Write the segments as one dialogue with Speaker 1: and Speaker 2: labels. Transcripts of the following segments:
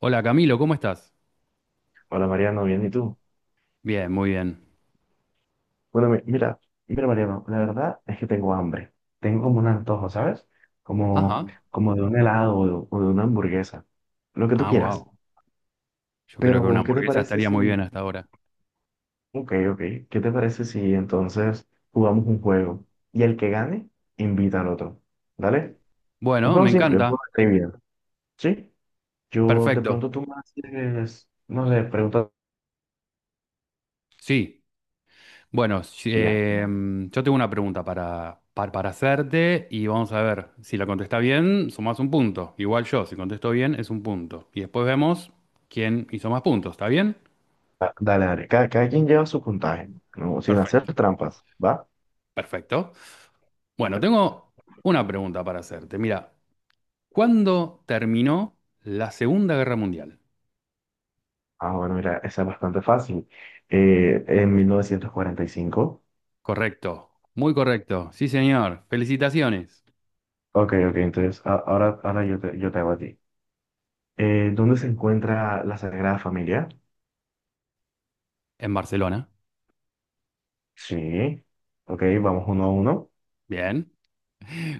Speaker 1: Hola Camilo, ¿cómo estás?
Speaker 2: Hola Mariano, bien, ¿y tú?
Speaker 1: Bien, muy bien. Mm.
Speaker 2: Bueno, mira Mariano, la verdad es que tengo hambre. Tengo como un antojo, ¿sabes? Como,
Speaker 1: Ajá.
Speaker 2: como de un helado o de una hamburguesa, lo que tú
Speaker 1: Ah, mm.
Speaker 2: quieras.
Speaker 1: Wow. Yo creo que una
Speaker 2: Pero, ¿qué te
Speaker 1: hamburguesa
Speaker 2: parece
Speaker 1: estaría muy
Speaker 2: si...
Speaker 1: bien hasta ahora.
Speaker 2: Ok, ok, ¿qué te parece si entonces jugamos un juego? Y el que gane, invita al otro. ¿Dale? Un
Speaker 1: Bueno,
Speaker 2: juego
Speaker 1: me
Speaker 2: simple, un juego
Speaker 1: encanta.
Speaker 2: de trivia. ¿Sí? Yo de
Speaker 1: Perfecto.
Speaker 2: pronto tú me haces, no sé, preguntas.
Speaker 1: Sí. Bueno,
Speaker 2: Y ya.
Speaker 1: yo tengo una pregunta para hacerte y vamos a ver. Si la contesta bien, sumás un punto. Igual yo, si contesto bien, es un punto. Y después vemos quién hizo más puntos. ¿Está bien?
Speaker 2: Dale, dale. Cada quien lleva su puntaje, ¿no? Sin hacer
Speaker 1: Perfecto.
Speaker 2: trampas, ¿va?
Speaker 1: Perfecto. Bueno, tengo una pregunta para hacerte. Mira, ¿cuándo terminó la Segunda Guerra Mundial?
Speaker 2: Ah, bueno, mira, esa es bastante fácil. En 1945.
Speaker 1: Correcto, muy correcto. Sí, señor. Felicitaciones.
Speaker 2: Ok, ok, entonces ahora yo te hago a ti. ¿Dónde se encuentra la Sagrada Familia?
Speaker 1: En Barcelona.
Speaker 2: Sí. Ok, vamos uno a uno.
Speaker 1: Bien.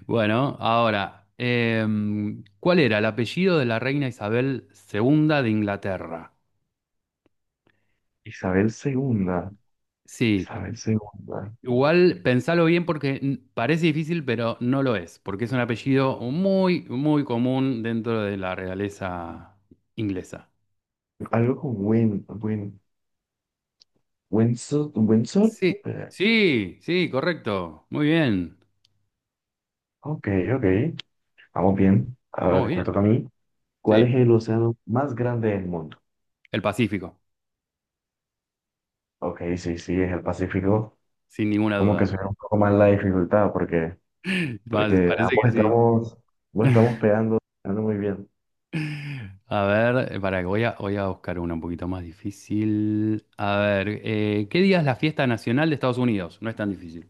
Speaker 1: Bueno, ahora, ¿cuál era el apellido de la reina Isabel II de Inglaterra?
Speaker 2: Isabel segunda.
Speaker 1: Sí,
Speaker 2: Isabel segunda.
Speaker 1: igual pensalo bien porque parece difícil, pero no lo es, porque es un apellido muy, muy común dentro de la realeza inglesa.
Speaker 2: Algo con Windsor.
Speaker 1: Sí,
Speaker 2: Eh,
Speaker 1: sí, sí, correcto. Muy bien.
Speaker 2: ok, ok. Vamos bien.
Speaker 1: Muy
Speaker 2: Ahora me
Speaker 1: bien.
Speaker 2: toca a mí. ¿Cuál
Speaker 1: Sí,
Speaker 2: es el océano más grande del mundo?
Speaker 1: el Pacífico,
Speaker 2: Ok, sí, sí, es el Pacífico.
Speaker 1: sin ninguna
Speaker 2: Como que
Speaker 1: duda.
Speaker 2: suena un poco más la dificultad, porque Porque
Speaker 1: Parece
Speaker 2: ambos
Speaker 1: que sí.
Speaker 2: estamos, ambos estamos pegando muy bien.
Speaker 1: A ver, para que voy a buscar una un poquito más difícil. A ver, ¿qué día es la fiesta nacional de Estados Unidos? No es tan difícil.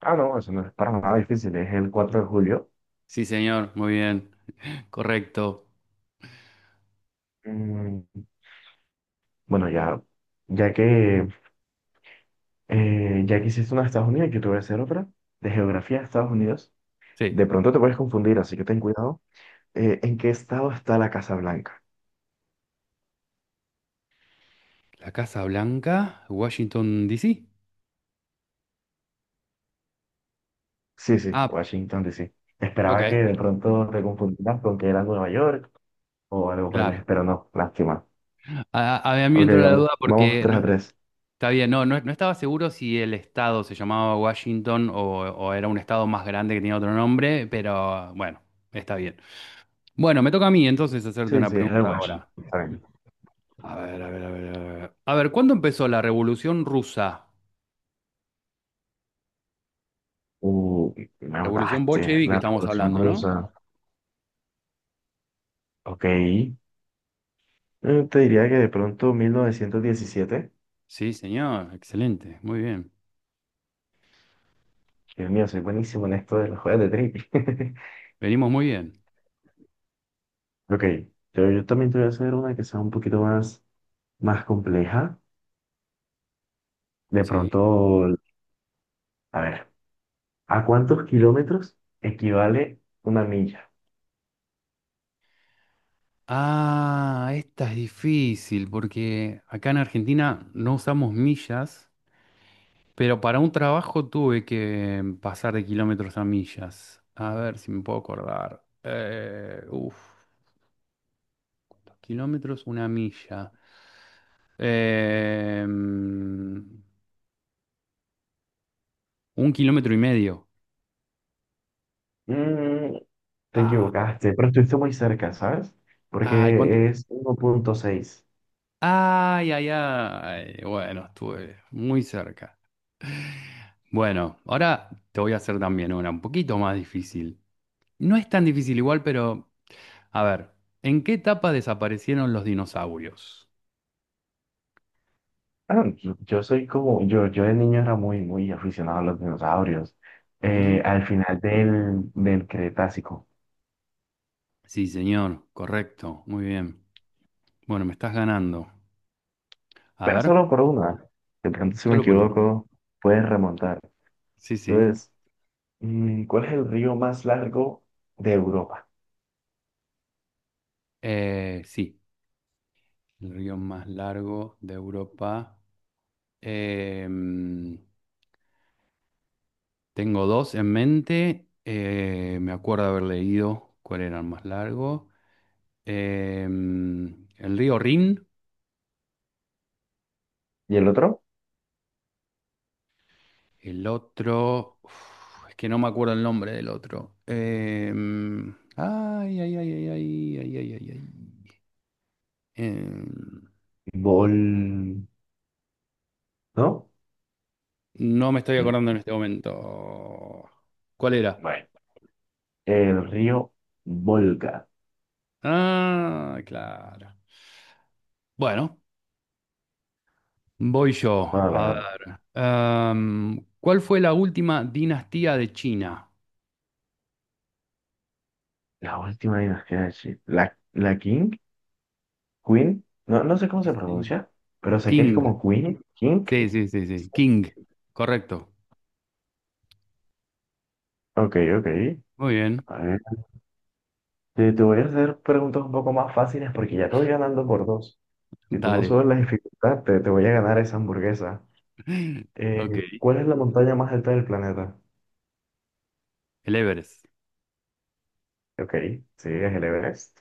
Speaker 2: Ah, no, eso no es para nada difícil, es el 4 de julio.
Speaker 1: Sí, señor, muy bien. Correcto.
Speaker 2: Mm, bueno, ya que, ya que hiciste una de Estados Unidos, yo te voy a hacer otra de geografía de Estados Unidos.
Speaker 1: Sí.
Speaker 2: De pronto te puedes confundir, así que ten cuidado. ¿En qué estado está la Casa Blanca?
Speaker 1: La Casa Blanca, Washington, D.C.
Speaker 2: Sí, sí,
Speaker 1: Ah,
Speaker 2: Washington, D.C.
Speaker 1: ok,
Speaker 2: Esperaba que de pronto te confundieras con que era Nueva York o algo por el
Speaker 1: claro.
Speaker 2: estilo, pero no, lástima.
Speaker 1: A mí me
Speaker 2: Ok,
Speaker 1: entró la
Speaker 2: vamos,
Speaker 1: duda
Speaker 2: vamos
Speaker 1: porque
Speaker 2: 3
Speaker 1: no
Speaker 2: a 3.
Speaker 1: está bien, no, no, no estaba seguro si el estado se llamaba Washington o era un estado más grande que tenía otro nombre, pero bueno, está bien. Bueno, me toca a mí entonces hacerte
Speaker 2: Sí,
Speaker 1: una
Speaker 2: sí, era
Speaker 1: pregunta ahora.
Speaker 2: Washington. Está bien.
Speaker 1: A ver, a ver, a ver, a ver. A ver, ¿cuándo empezó la Revolución Rusa?
Speaker 2: Uh, me
Speaker 1: Revolución
Speaker 2: mataste.
Speaker 1: bolchevique
Speaker 2: La
Speaker 1: estamos
Speaker 2: Revolución
Speaker 1: hablando, ¿no?
Speaker 2: Rusa. Ok. Te diría que de pronto 1917.
Speaker 1: Sí, señor, excelente, muy bien.
Speaker 2: Dios mío, soy buenísimo en esto de los juegos de trivia.
Speaker 1: Venimos muy bien.
Speaker 2: Ok. Yo también te voy a hacer una que sea un poquito más, más compleja. De
Speaker 1: Sí.
Speaker 2: pronto, a ver, ¿a cuántos kilómetros equivale una milla?
Speaker 1: Ah, esta es difícil porque acá en Argentina no usamos millas, pero para un trabajo tuve que pasar de kilómetros a millas. A ver si me puedo acordar. Uf, ¿cuántos kilómetros? Una milla. Eh, mm, un kilómetro y medio.
Speaker 2: Mm, te
Speaker 1: Ah,
Speaker 2: equivocaste, pero estuviste muy cerca, ¿sabes?
Speaker 1: ay, ¿cuánto?
Speaker 2: Porque es 1.6.
Speaker 1: Ay, ay, ay. Bueno, estuve muy cerca. Bueno, ahora te voy a hacer también una un poquito más difícil. No es tan difícil igual, pero a ver, ¿en qué etapa desaparecieron los dinosaurios?
Speaker 2: Ah, yo yo soy como, yo de niño era muy, muy aficionado a los dinosaurios,
Speaker 1: ¿Mm?
Speaker 2: al final del Cretácico,
Speaker 1: Sí, señor, correcto, muy bien. Bueno, me estás ganando. A
Speaker 2: pero
Speaker 1: ver,
Speaker 2: solo por una, de pronto si me
Speaker 1: solo por uno.
Speaker 2: equivoco, puedes remontar.
Speaker 1: Sí, sí.
Speaker 2: Entonces, ¿cuál es el río más largo de Europa?
Speaker 1: Sí, el río más largo de Europa. Em, tengo dos en mente. Me acuerdo haber leído cuál era el más largo. Em, el río Rin.
Speaker 2: ¿Y el otro?
Speaker 1: El otro. Uf, es que no me acuerdo el nombre del otro. Ay, ay, ay, ay, ay, ay, ay, ay, ay. Em,
Speaker 2: Vol... ¿No?
Speaker 1: no me estoy
Speaker 2: Mm,
Speaker 1: acordando en este momento. ¿Cuál era?
Speaker 2: bueno, el río Volga.
Speaker 1: Ah, claro. Bueno. Voy yo.
Speaker 2: Bueno,
Speaker 1: A
Speaker 2: la,
Speaker 1: ver. ¿Cuál fue la última dinastía de China?
Speaker 2: la última y nos queda decir la King, Queen, no, no sé cómo
Speaker 1: Sí,
Speaker 2: se
Speaker 1: sí.
Speaker 2: pronuncia, pero sé que es
Speaker 1: King.
Speaker 2: como Queen, King.
Speaker 1: Sí, sí, sí, sí. King. Correcto.
Speaker 2: Ok, ok.
Speaker 1: Muy bien.
Speaker 2: A ver, te voy a hacer preguntas un poco más fáciles porque ya te voy ganando por dos. Si tú no
Speaker 1: Dale.
Speaker 2: subes la dificultad, te voy a ganar esa hamburguesa. Eh,
Speaker 1: Ok.
Speaker 2: ¿Cuál es la montaña más alta del planeta?
Speaker 1: El Everest.
Speaker 2: Ok, sí, es el Everest.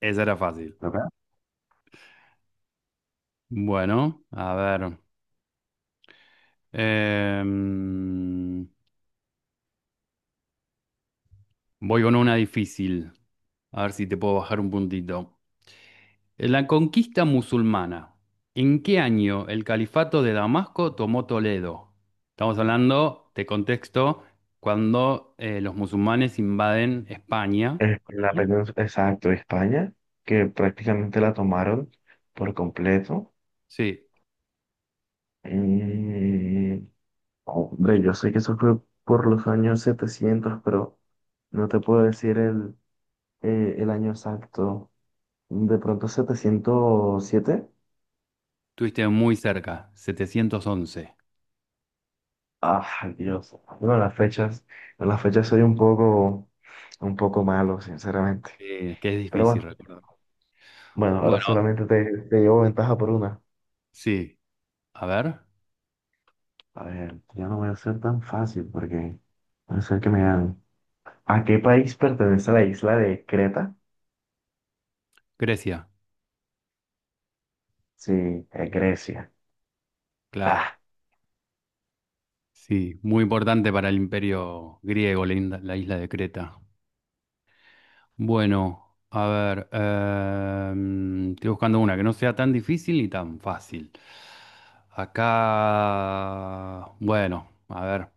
Speaker 1: Esa era fácil.
Speaker 2: Ok.
Speaker 1: Bueno, a ver. em, voy con una difícil. A ver si te puedo bajar un puntito. La conquista musulmana. ¿En qué año el califato de Damasco tomó Toledo? Estamos hablando de contexto cuando los musulmanes invaden España,
Speaker 2: La
Speaker 1: ¿no?
Speaker 2: península, exacto, España, que prácticamente la tomaron por completo.
Speaker 1: Sí,
Speaker 2: Mm, hombre, yo sé que eso fue por los años 700, pero no te puedo decir el año exacto. De pronto 707.
Speaker 1: estuviste muy cerca, 711,
Speaker 2: Ay, Dios. Bueno, las fechas, en las fechas soy un poco malo, sinceramente.
Speaker 1: que es
Speaker 2: Pero
Speaker 1: difícil
Speaker 2: bueno,
Speaker 1: recordar.
Speaker 2: bueno, ahora
Speaker 1: Bueno,
Speaker 2: solamente te llevo ventaja por una.
Speaker 1: sí, a ver,
Speaker 2: A ver, ya no voy a ser tan fácil porque puede ser que me ganen. ¿A qué país pertenece la isla de Creta?
Speaker 1: Grecia,
Speaker 2: Sí, es Grecia. Ah,
Speaker 1: claro, sí, muy importante para el imperio griego, la isla de Creta. Bueno, a ver, estoy buscando una que no sea tan difícil ni tan fácil. Acá, bueno, a ver,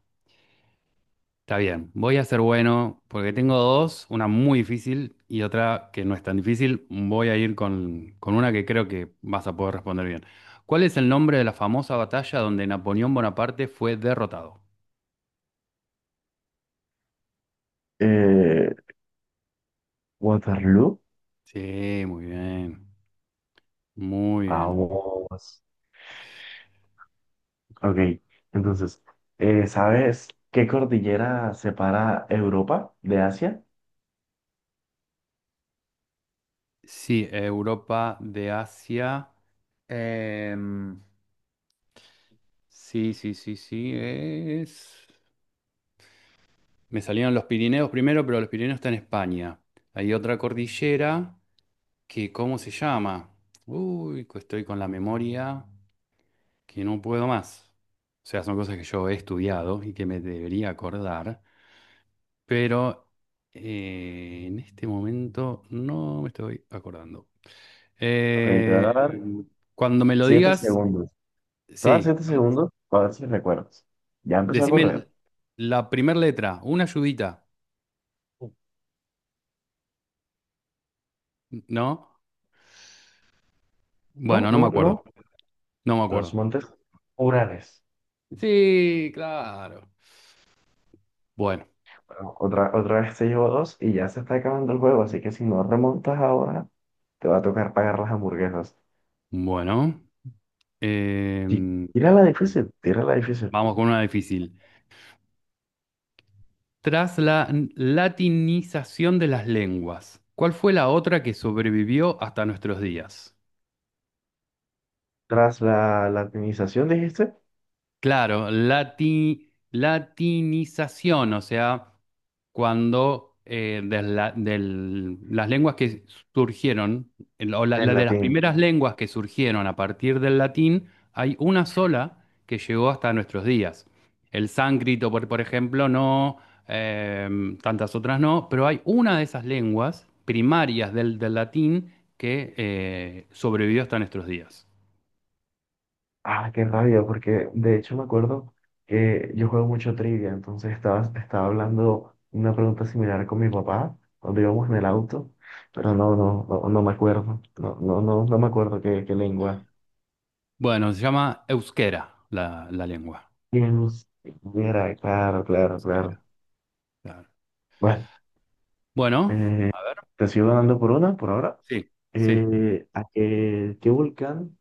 Speaker 1: está bien. Voy a ser bueno porque tengo dos, una muy difícil y otra que no es tan difícil. Voy a ir con una que creo que vas a poder responder bien. ¿Cuál es el nombre de la famosa batalla donde Napoleón Bonaparte fue derrotado?
Speaker 2: eh, Waterloo.
Speaker 1: Sí, muy bien, muy bien.
Speaker 2: Vamos. Ok, entonces, ¿sabes qué cordillera separa Europa de Asia?
Speaker 1: Sí, Europa de Asia. Em, sí, sí, sí, sí. Me salieron los Pirineos primero, pero los Pirineos están en España. Hay otra cordillera que, ¿cómo se llama? Uy, que estoy con la memoria que no puedo más. O sea, son cosas que yo he estudiado y que me debería acordar, pero en este momento no me estoy acordando.
Speaker 2: Ok, te voy a
Speaker 1: Eh,
Speaker 2: dar
Speaker 1: cuando me lo
Speaker 2: siete
Speaker 1: digas,
Speaker 2: segundos. Te voy a dar
Speaker 1: sí,
Speaker 2: siete segundos para ver si recuerdas. Ya empezó a
Speaker 1: decime
Speaker 2: correr.
Speaker 1: la primera letra, una ayudita, ¿no?
Speaker 2: No,
Speaker 1: Bueno, no me
Speaker 2: no, no.
Speaker 1: acuerdo, no me
Speaker 2: Los
Speaker 1: acuerdo.
Speaker 2: montes Urales.
Speaker 1: Sí, claro. Bueno,
Speaker 2: Bueno, otra, otra vez te llevo dos y ya se está acabando el juego, así que si no remontas ahora, te va a tocar pagar las hamburguesas.
Speaker 1: bueno,
Speaker 2: Sí,
Speaker 1: em,
Speaker 2: tírala difícil, tírala difícil.
Speaker 1: vamos con una difícil. Tras la latinización de las lenguas, ¿cuál fue la otra que sobrevivió hasta nuestros días?
Speaker 2: Tras la latinización, dijiste,
Speaker 1: Claro, latinización, o sea, cuando las lenguas que surgieron, el- o la,
Speaker 2: del
Speaker 1: la de las
Speaker 2: latín.
Speaker 1: primeras lenguas que surgieron a partir del latín, hay una sola que llegó hasta nuestros días. El sánscrito, por ejemplo, no, eh, tantas otras no, pero hay una de esas lenguas primarias del latín que sobrevivió hasta nuestros días.
Speaker 2: Ah, qué rabia, porque de hecho me acuerdo que yo juego mucho trivia, entonces estaba hablando una pregunta similar con mi papá cuando íbamos en el auto, pero no, no, no, no me acuerdo, no, no, no, no me acuerdo qué lengua.
Speaker 1: Bueno, se llama euskera la lengua.
Speaker 2: Pienso- Mira, claro, claro,
Speaker 1: Euskera,
Speaker 2: claro.
Speaker 1: claro.
Speaker 2: Bueno,
Speaker 1: Bueno,
Speaker 2: eh,
Speaker 1: a ver,
Speaker 2: te sigo ganando por una, por ahora.
Speaker 1: sí, sí.
Speaker 2: ¿Qué volcán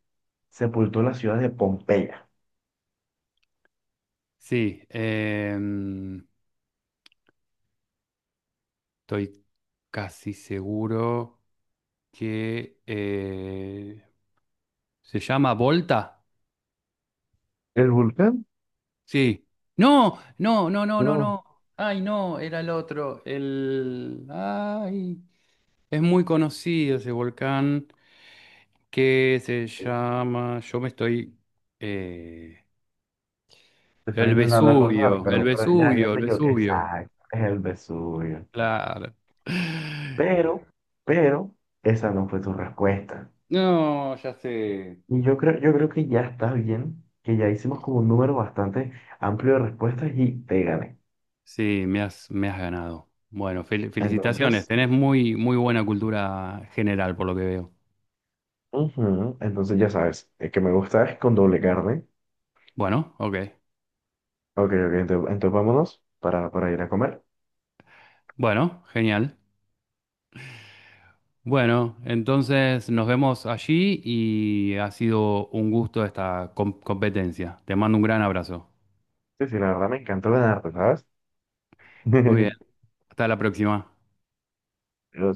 Speaker 2: sepultó la ciudad de Pompeya?
Speaker 1: Sí, estoy casi seguro que se llama Volta.
Speaker 2: ¿El volcán?
Speaker 1: Sí. No, no, no, no, no,
Speaker 2: No.
Speaker 1: no. Ay, no, era el otro. El. Ay, es muy conocido ese volcán que se
Speaker 2: Sí,
Speaker 1: llama. Yo me estoy. eh,
Speaker 2: te está
Speaker 1: el
Speaker 2: intentando acordar,
Speaker 1: Vesubio, el
Speaker 2: pero ya
Speaker 1: Vesubio, el
Speaker 2: te equivoqué.
Speaker 1: Vesubio.
Speaker 2: Exacto, es el Vesubio.
Speaker 1: Claro.
Speaker 2: Pero, pero, esa no fue tu respuesta.
Speaker 1: No, ya sé.
Speaker 2: Y yo creo que ya está bien, que ya hicimos como un número bastante amplio de respuestas y te gané.
Speaker 1: Sí, me has ganado. Bueno, felicitaciones.
Speaker 2: Entonces,
Speaker 1: Tenés muy, muy buena cultura general, por lo que veo.
Speaker 2: entonces, ya sabes, el que me gusta es con doble carne.
Speaker 1: Bueno, ok.
Speaker 2: Ok, ok, entonces, vámonos para ir a comer.
Speaker 1: Bueno, genial. Bueno, entonces nos vemos allí y ha sido un gusto esta competencia. Te mando un gran abrazo.
Speaker 2: Sí, sí, la verdad me encantó ganarte, ¿sabes?
Speaker 1: Muy bien. Hasta la próxima.
Speaker 2: Pero